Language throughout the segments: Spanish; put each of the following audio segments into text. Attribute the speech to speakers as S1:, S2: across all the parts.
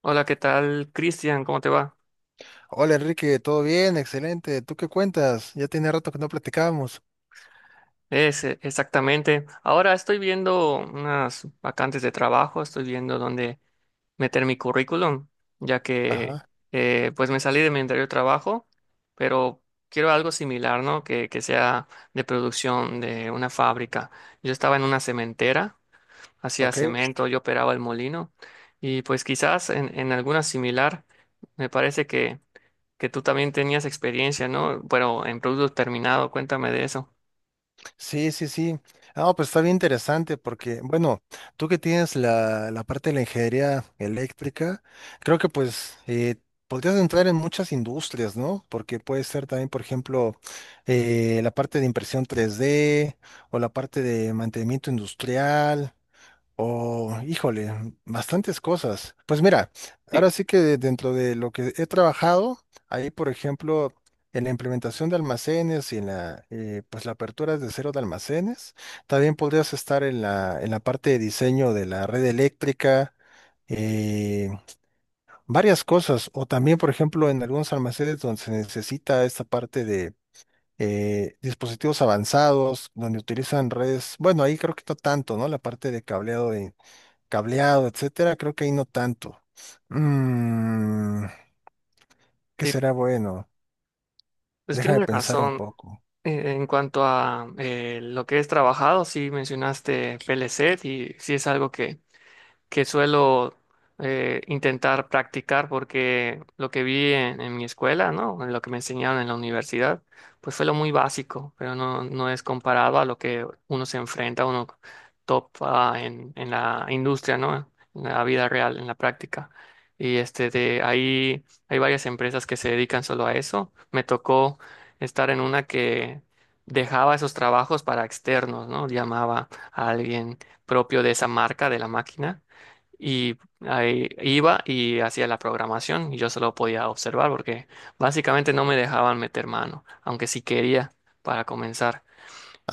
S1: Hola, ¿qué tal, Cristian? ¿Cómo te va?
S2: Hola Enrique, ¿todo bien? Excelente. ¿Tú qué cuentas? Ya tiene rato que no platicábamos.
S1: Es Exactamente. Ahora estoy viendo unas vacantes de trabajo, estoy viendo dónde meter mi currículum, ya que
S2: Ajá,
S1: pues me salí de mi anterior trabajo, pero quiero algo similar, ¿no? Que sea de producción de una fábrica. Yo estaba en una cementera, hacía
S2: ok.
S1: cemento, yo operaba el molino y pues quizás en alguna similar, me parece que tú también tenías experiencia, ¿no? Pero en producto terminado, cuéntame de eso.
S2: Sí, sí, sí. Ah, pues está bien interesante porque, bueno, tú que tienes la parte de la ingeniería eléctrica, creo que pues podrías entrar en muchas industrias, ¿no? Porque puede ser también, por ejemplo, la parte de impresión 3D o la parte de mantenimiento industrial. Oh, híjole, bastantes cosas. Pues mira, ahora
S1: Sí,
S2: sí que dentro de lo que he trabajado, ahí por ejemplo, en la, implementación de almacenes y en pues la apertura de cero de almacenes, también podrías estar en la parte de diseño de la red eléctrica, eh, varias cosas, o también por ejemplo en algunos almacenes donde se necesita esta parte de... dispositivos avanzados donde utilizan redes, bueno, ahí creo que no tanto, ¿no? La parte de cableado, etcétera, creo que ahí no tanto. Mm, ¿Qué
S1: sí,
S2: será bueno?
S1: pues
S2: Déjame
S1: tienes
S2: pensar un
S1: razón.
S2: poco.
S1: En cuanto a lo que es trabajado, sí mencionaste PLC y sí es algo que suelo intentar practicar porque lo que vi en mi escuela, ¿no? En lo que me enseñaron en la universidad, pues fue lo muy básico, pero no, no es comparado a lo que uno se enfrenta, uno topa en la industria, ¿no? En la vida real, en la práctica. Y este de ahí hay varias empresas que se dedican solo a eso. Me tocó estar en una que dejaba esos trabajos para externos, ¿no? Llamaba a alguien propio de esa marca, de la máquina, y ahí iba y hacía la programación, y yo solo podía observar porque básicamente no me dejaban meter mano, aunque sí quería, para comenzar.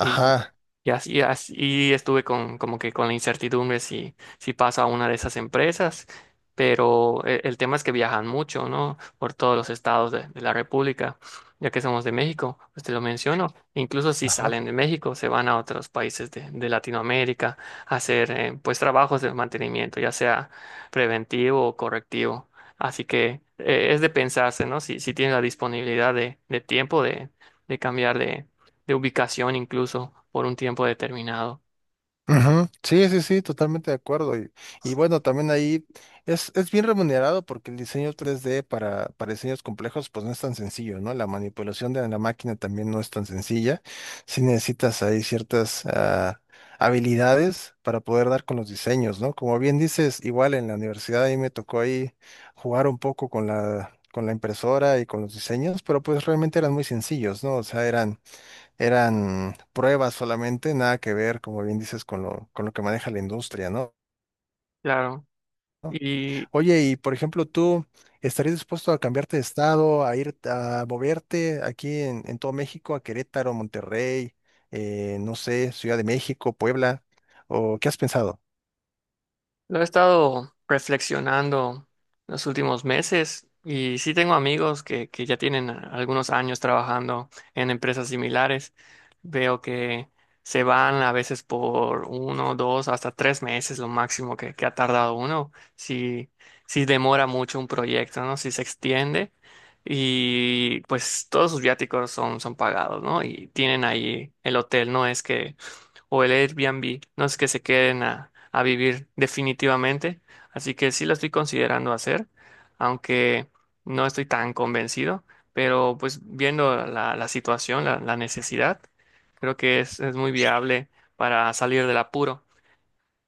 S1: Y, y así, y así- Estuve con, como que con la incertidumbre, si paso a una de esas empresas, pero tema es que viajan mucho, ¿no? Por todos los estados de la República, ya que somos de México, pues te lo menciono. Incluso si
S2: ajá.
S1: salen de México, se van a otros países de Latinoamérica a hacer pues trabajos de mantenimiento, ya sea preventivo o correctivo. Así que es de pensarse, ¿no? Si tienes la disponibilidad de tiempo de cambiar de ubicación incluso por un tiempo determinado.
S2: Ujú, sí, sí, sí, totalmente de acuerdo. Y bueno, también ahí es bien remunerado porque el diseño 3D para diseños complejos pues no es tan sencillo, ¿no? La manipulación de la máquina también no es tan sencilla. Sí necesitas ahí ciertas habilidades para poder dar con los diseños, ¿no? Como bien dices, igual en la universidad ahí me tocó ahí jugar un poco con la impresora y con los diseños, pero pues realmente eran muy sencillos, ¿no? O sea, eran pruebas solamente, nada que ver, como bien dices, con lo que maneja la industria, ¿no?
S1: Claro. Y,
S2: Oye, y por ejemplo, ¿tú estarías dispuesto a cambiarte de estado, a ir a moverte aquí en todo México, a Querétaro, Monterrey, no sé, Ciudad de México, Puebla? ¿O qué has pensado?
S1: Lo he estado reflexionando los últimos meses y sí tengo amigos que ya tienen algunos años trabajando en empresas similares. Veo que se van a veces por uno, dos, hasta tres meses, lo máximo que ha tardado uno, si demora mucho un proyecto, ¿no? Si se extiende, y pues todos sus viáticos son, son pagados, ¿no? Y tienen ahí el hotel, no es que, o el Airbnb, no es que se queden a vivir definitivamente, así que sí lo estoy considerando hacer, aunque no estoy tan convencido, pero pues viendo la situación, la necesidad, creo que es muy viable para salir del apuro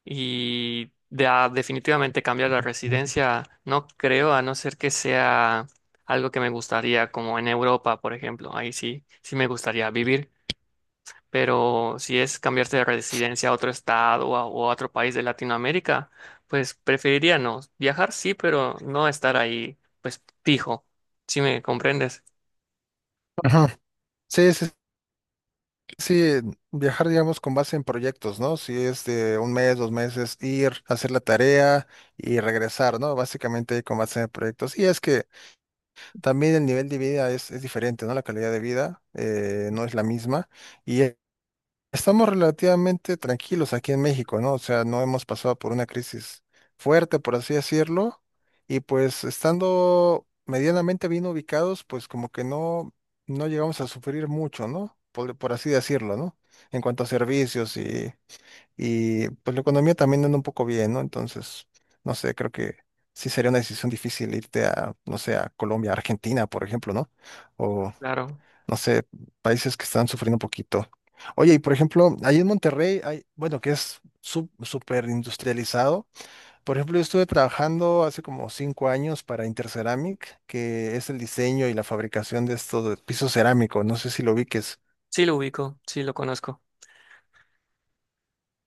S1: y a definitivamente cambiar la residencia, no creo, a no ser que sea algo que me gustaría, como en Europa, por ejemplo. Ahí sí, sí me gustaría vivir, pero si es cambiarte de residencia a otro estado o a otro país de Latinoamérica, pues preferiría no. Viajar sí, pero no estar ahí, pues fijo. ¿Si me comprendes?
S2: Ajá. Sí, sí, sí, viajar, digamos, con base en proyectos, ¿no? Si es de un mes, dos meses, ir, hacer la tarea y regresar, ¿no? Básicamente con base en proyectos. Y es que también el nivel de vida es diferente, ¿no? La calidad de vida no es la misma y estamos relativamente tranquilos aquí en México, ¿no? O sea, no hemos pasado por una crisis fuerte, por así decirlo, y pues estando medianamente bien ubicados, pues como que no, no llegamos a sufrir mucho, ¿no? Por así decirlo, ¿no? En cuanto a servicios y pues la economía también anda un poco bien, ¿no? Entonces, no sé, creo que sí sería una decisión difícil irte a, no sé, a Colombia, Argentina, por ejemplo, ¿no? O,
S1: Claro.
S2: no sé, países que están sufriendo un poquito. Oye, y por ejemplo, ahí en Monterrey hay, bueno, que es súper industrializado. Por ejemplo, yo estuve trabajando hace como cinco años para Interceramic, que es el diseño y la fabricación de estos de piso cerámico. No sé si lo ubiques.
S1: Sí lo ubico, sí lo conozco.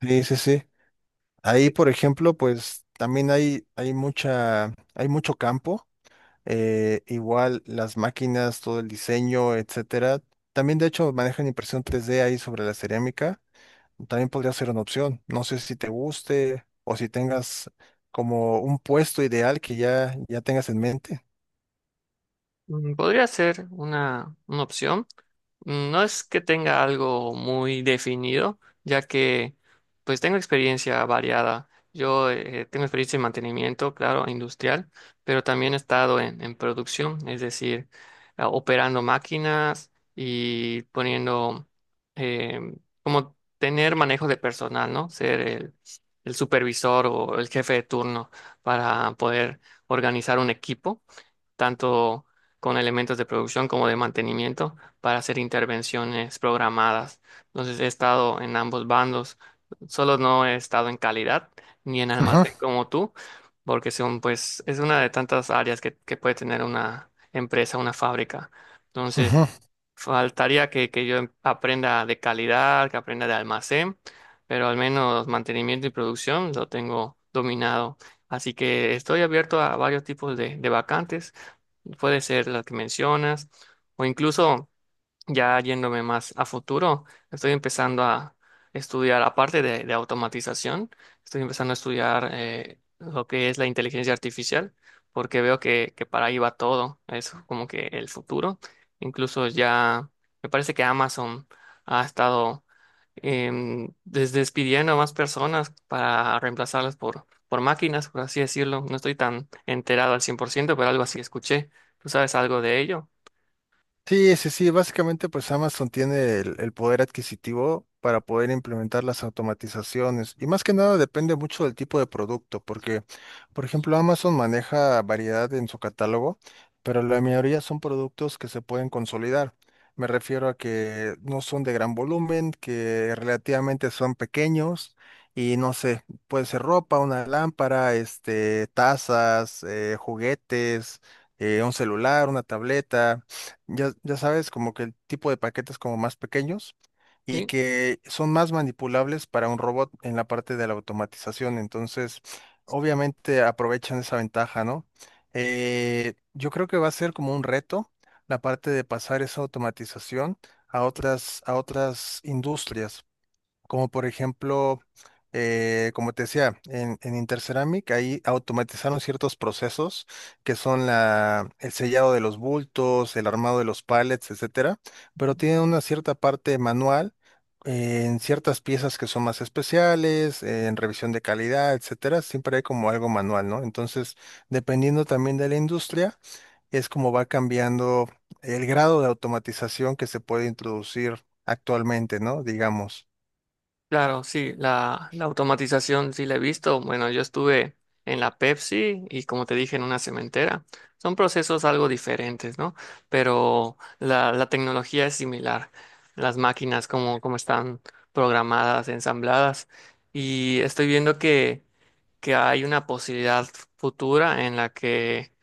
S2: Sí, sí, sí. Ahí, por ejemplo, pues también hay mucho campo. Igual las máquinas, todo el diseño, etcétera. También, de hecho, manejan impresión tres d ahí sobre la cerámica. También podría ser una opción. No sé si te guste o si tengas como un puesto ideal que ya tengas en mente.
S1: Mm, podría ser una opción. Mm, no es que tenga algo muy definido, ya que pues tengo experiencia variada. Yo tengo experiencia en mantenimiento, claro, industrial, pero también he estado en producción, es decir, operando máquinas y poniendo, eh, como tener manejo de personal, ¿no? Ser el supervisor o el jefe de turno para poder organizar un equipo tanto con elementos de producción como de mantenimiento, para hacer intervenciones programadas. Entonces he estado en ambos bandos, solo no he estado en calidad ni en
S2: Ujú,
S1: almacén como tú, porque son, pues, es una de tantas áreas que puede tener una empresa, una fábrica. Entonces,
S2: ujú.
S1: faltaría que yo aprenda de calidad, que aprenda de almacén, pero al menos mantenimiento y producción lo tengo dominado. Así que estoy abierto a varios tipos de vacantes. Puede ser la que mencionas, o incluso, ya yéndome más a futuro, estoy empezando a estudiar, aparte de automatización, estoy empezando a estudiar lo que es la inteligencia artificial, porque veo que para ahí va todo, es como que el futuro. Incluso ya, me parece que Amazon ha estado despidiendo a más personas para reemplazarlas por máquinas, por así decirlo. No estoy tan enterado al cien por ciento, pero algo así escuché. ¿Tú sabes algo de ello?
S2: Sí, sí, sí. Básicamente, pues Amazon tiene el poder adquisitivo para poder implementar las automatizaciones. Y más que nada depende mucho del tipo de producto, porque, por ejemplo, Amazon maneja variedad en su catálogo, pero la mayoría son productos que se pueden consolidar. Me refiero a que no son de gran volumen, que relativamente son pequeños y no sé, puede ser ropa, una lámpara, este, tazas, juguetes, un celular, una tableta ya sabes, como que el tipo de paquetes como más pequeños y
S1: Sí.
S2: que son más manipulables para un robot en la parte de la automatización. Entonces, obviamente aprovechan esa ventaja, ¿no? Yo creo que va a ser como un reto la parte de pasar esa automatización a otras industrias como por ejemplo, como te decía, en Interceramic ahí automatizaron ciertos procesos que son la, el sellado de los bultos, el armado de los pallets, etcétera, pero tienen una cierta parte manual en ciertas piezas que son más especiales, en revisión de calidad, etcétera, siempre hay como algo manual, ¿no? Entonces, dependiendo también de la industria, es como va cambiando el grado de automatización que se puede introducir actualmente, ¿no? Digamos.
S1: Claro, sí, la automatización sí la he visto. Bueno, yo estuve en la Pepsi y como te dije, en una cementera. Son procesos algo diferentes, ¿no? Pero la tecnología es similar. Las máquinas, como, como están programadas, ensambladas. Y estoy viendo que hay una posibilidad futura en la que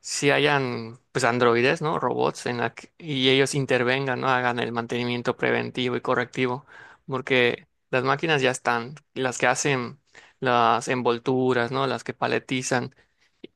S1: si hayan pues androides, ¿no? Robots en la y ellos intervengan, ¿no? Hagan el mantenimiento preventivo y correctivo, porque las máquinas ya están, las que hacen las envolturas, ¿no? Las que paletizan,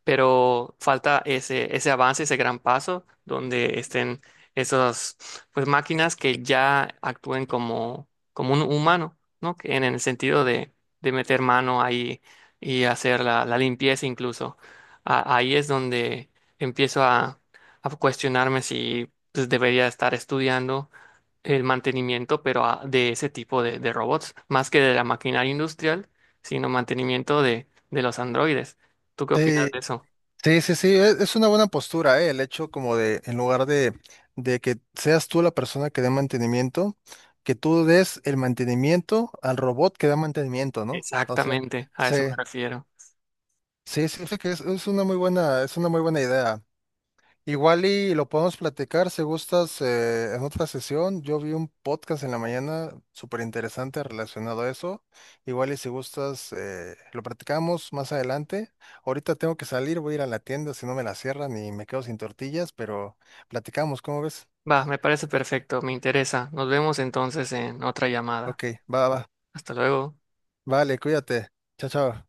S1: pero falta ese, ese avance, ese gran paso, donde estén esas, pues, máquinas que ya actúen como, como un humano, ¿no? Que en el sentido de meter mano ahí y hacer la limpieza incluso. Ahí es donde empiezo a, a cuestionarme si pues, debería estar estudiando el mantenimiento, pero de ese tipo de robots, más que de la maquinaria industrial, sino mantenimiento de los androides. ¿Tú qué opinas
S2: Sí,
S1: de eso?
S2: sí, sí, sí, es una buena postura, ¿eh? El hecho como de, en lugar de, que seas tú la persona que dé mantenimiento, que tú des el mantenimiento al robot que da mantenimiento, ¿no? O sea,
S1: Exactamente, a
S2: sí,
S1: eso me refiero.
S2: sí, sí, sí que es una muy buena, es una muy buena idea. Igual y lo podemos platicar si gustas en otra sesión. Yo vi un podcast en la mañana súper interesante relacionado a eso. Igual y si gustas lo platicamos más adelante. Ahorita tengo que salir, voy a ir a la tienda si no me la cierran y me quedo sin tortillas, pero platicamos, ¿cómo ves?
S1: Va, me parece perfecto, me interesa. Nos vemos entonces en otra llamada.
S2: Ok, va, va.
S1: Hasta luego.
S2: Vale, cuídate. Chao, chao.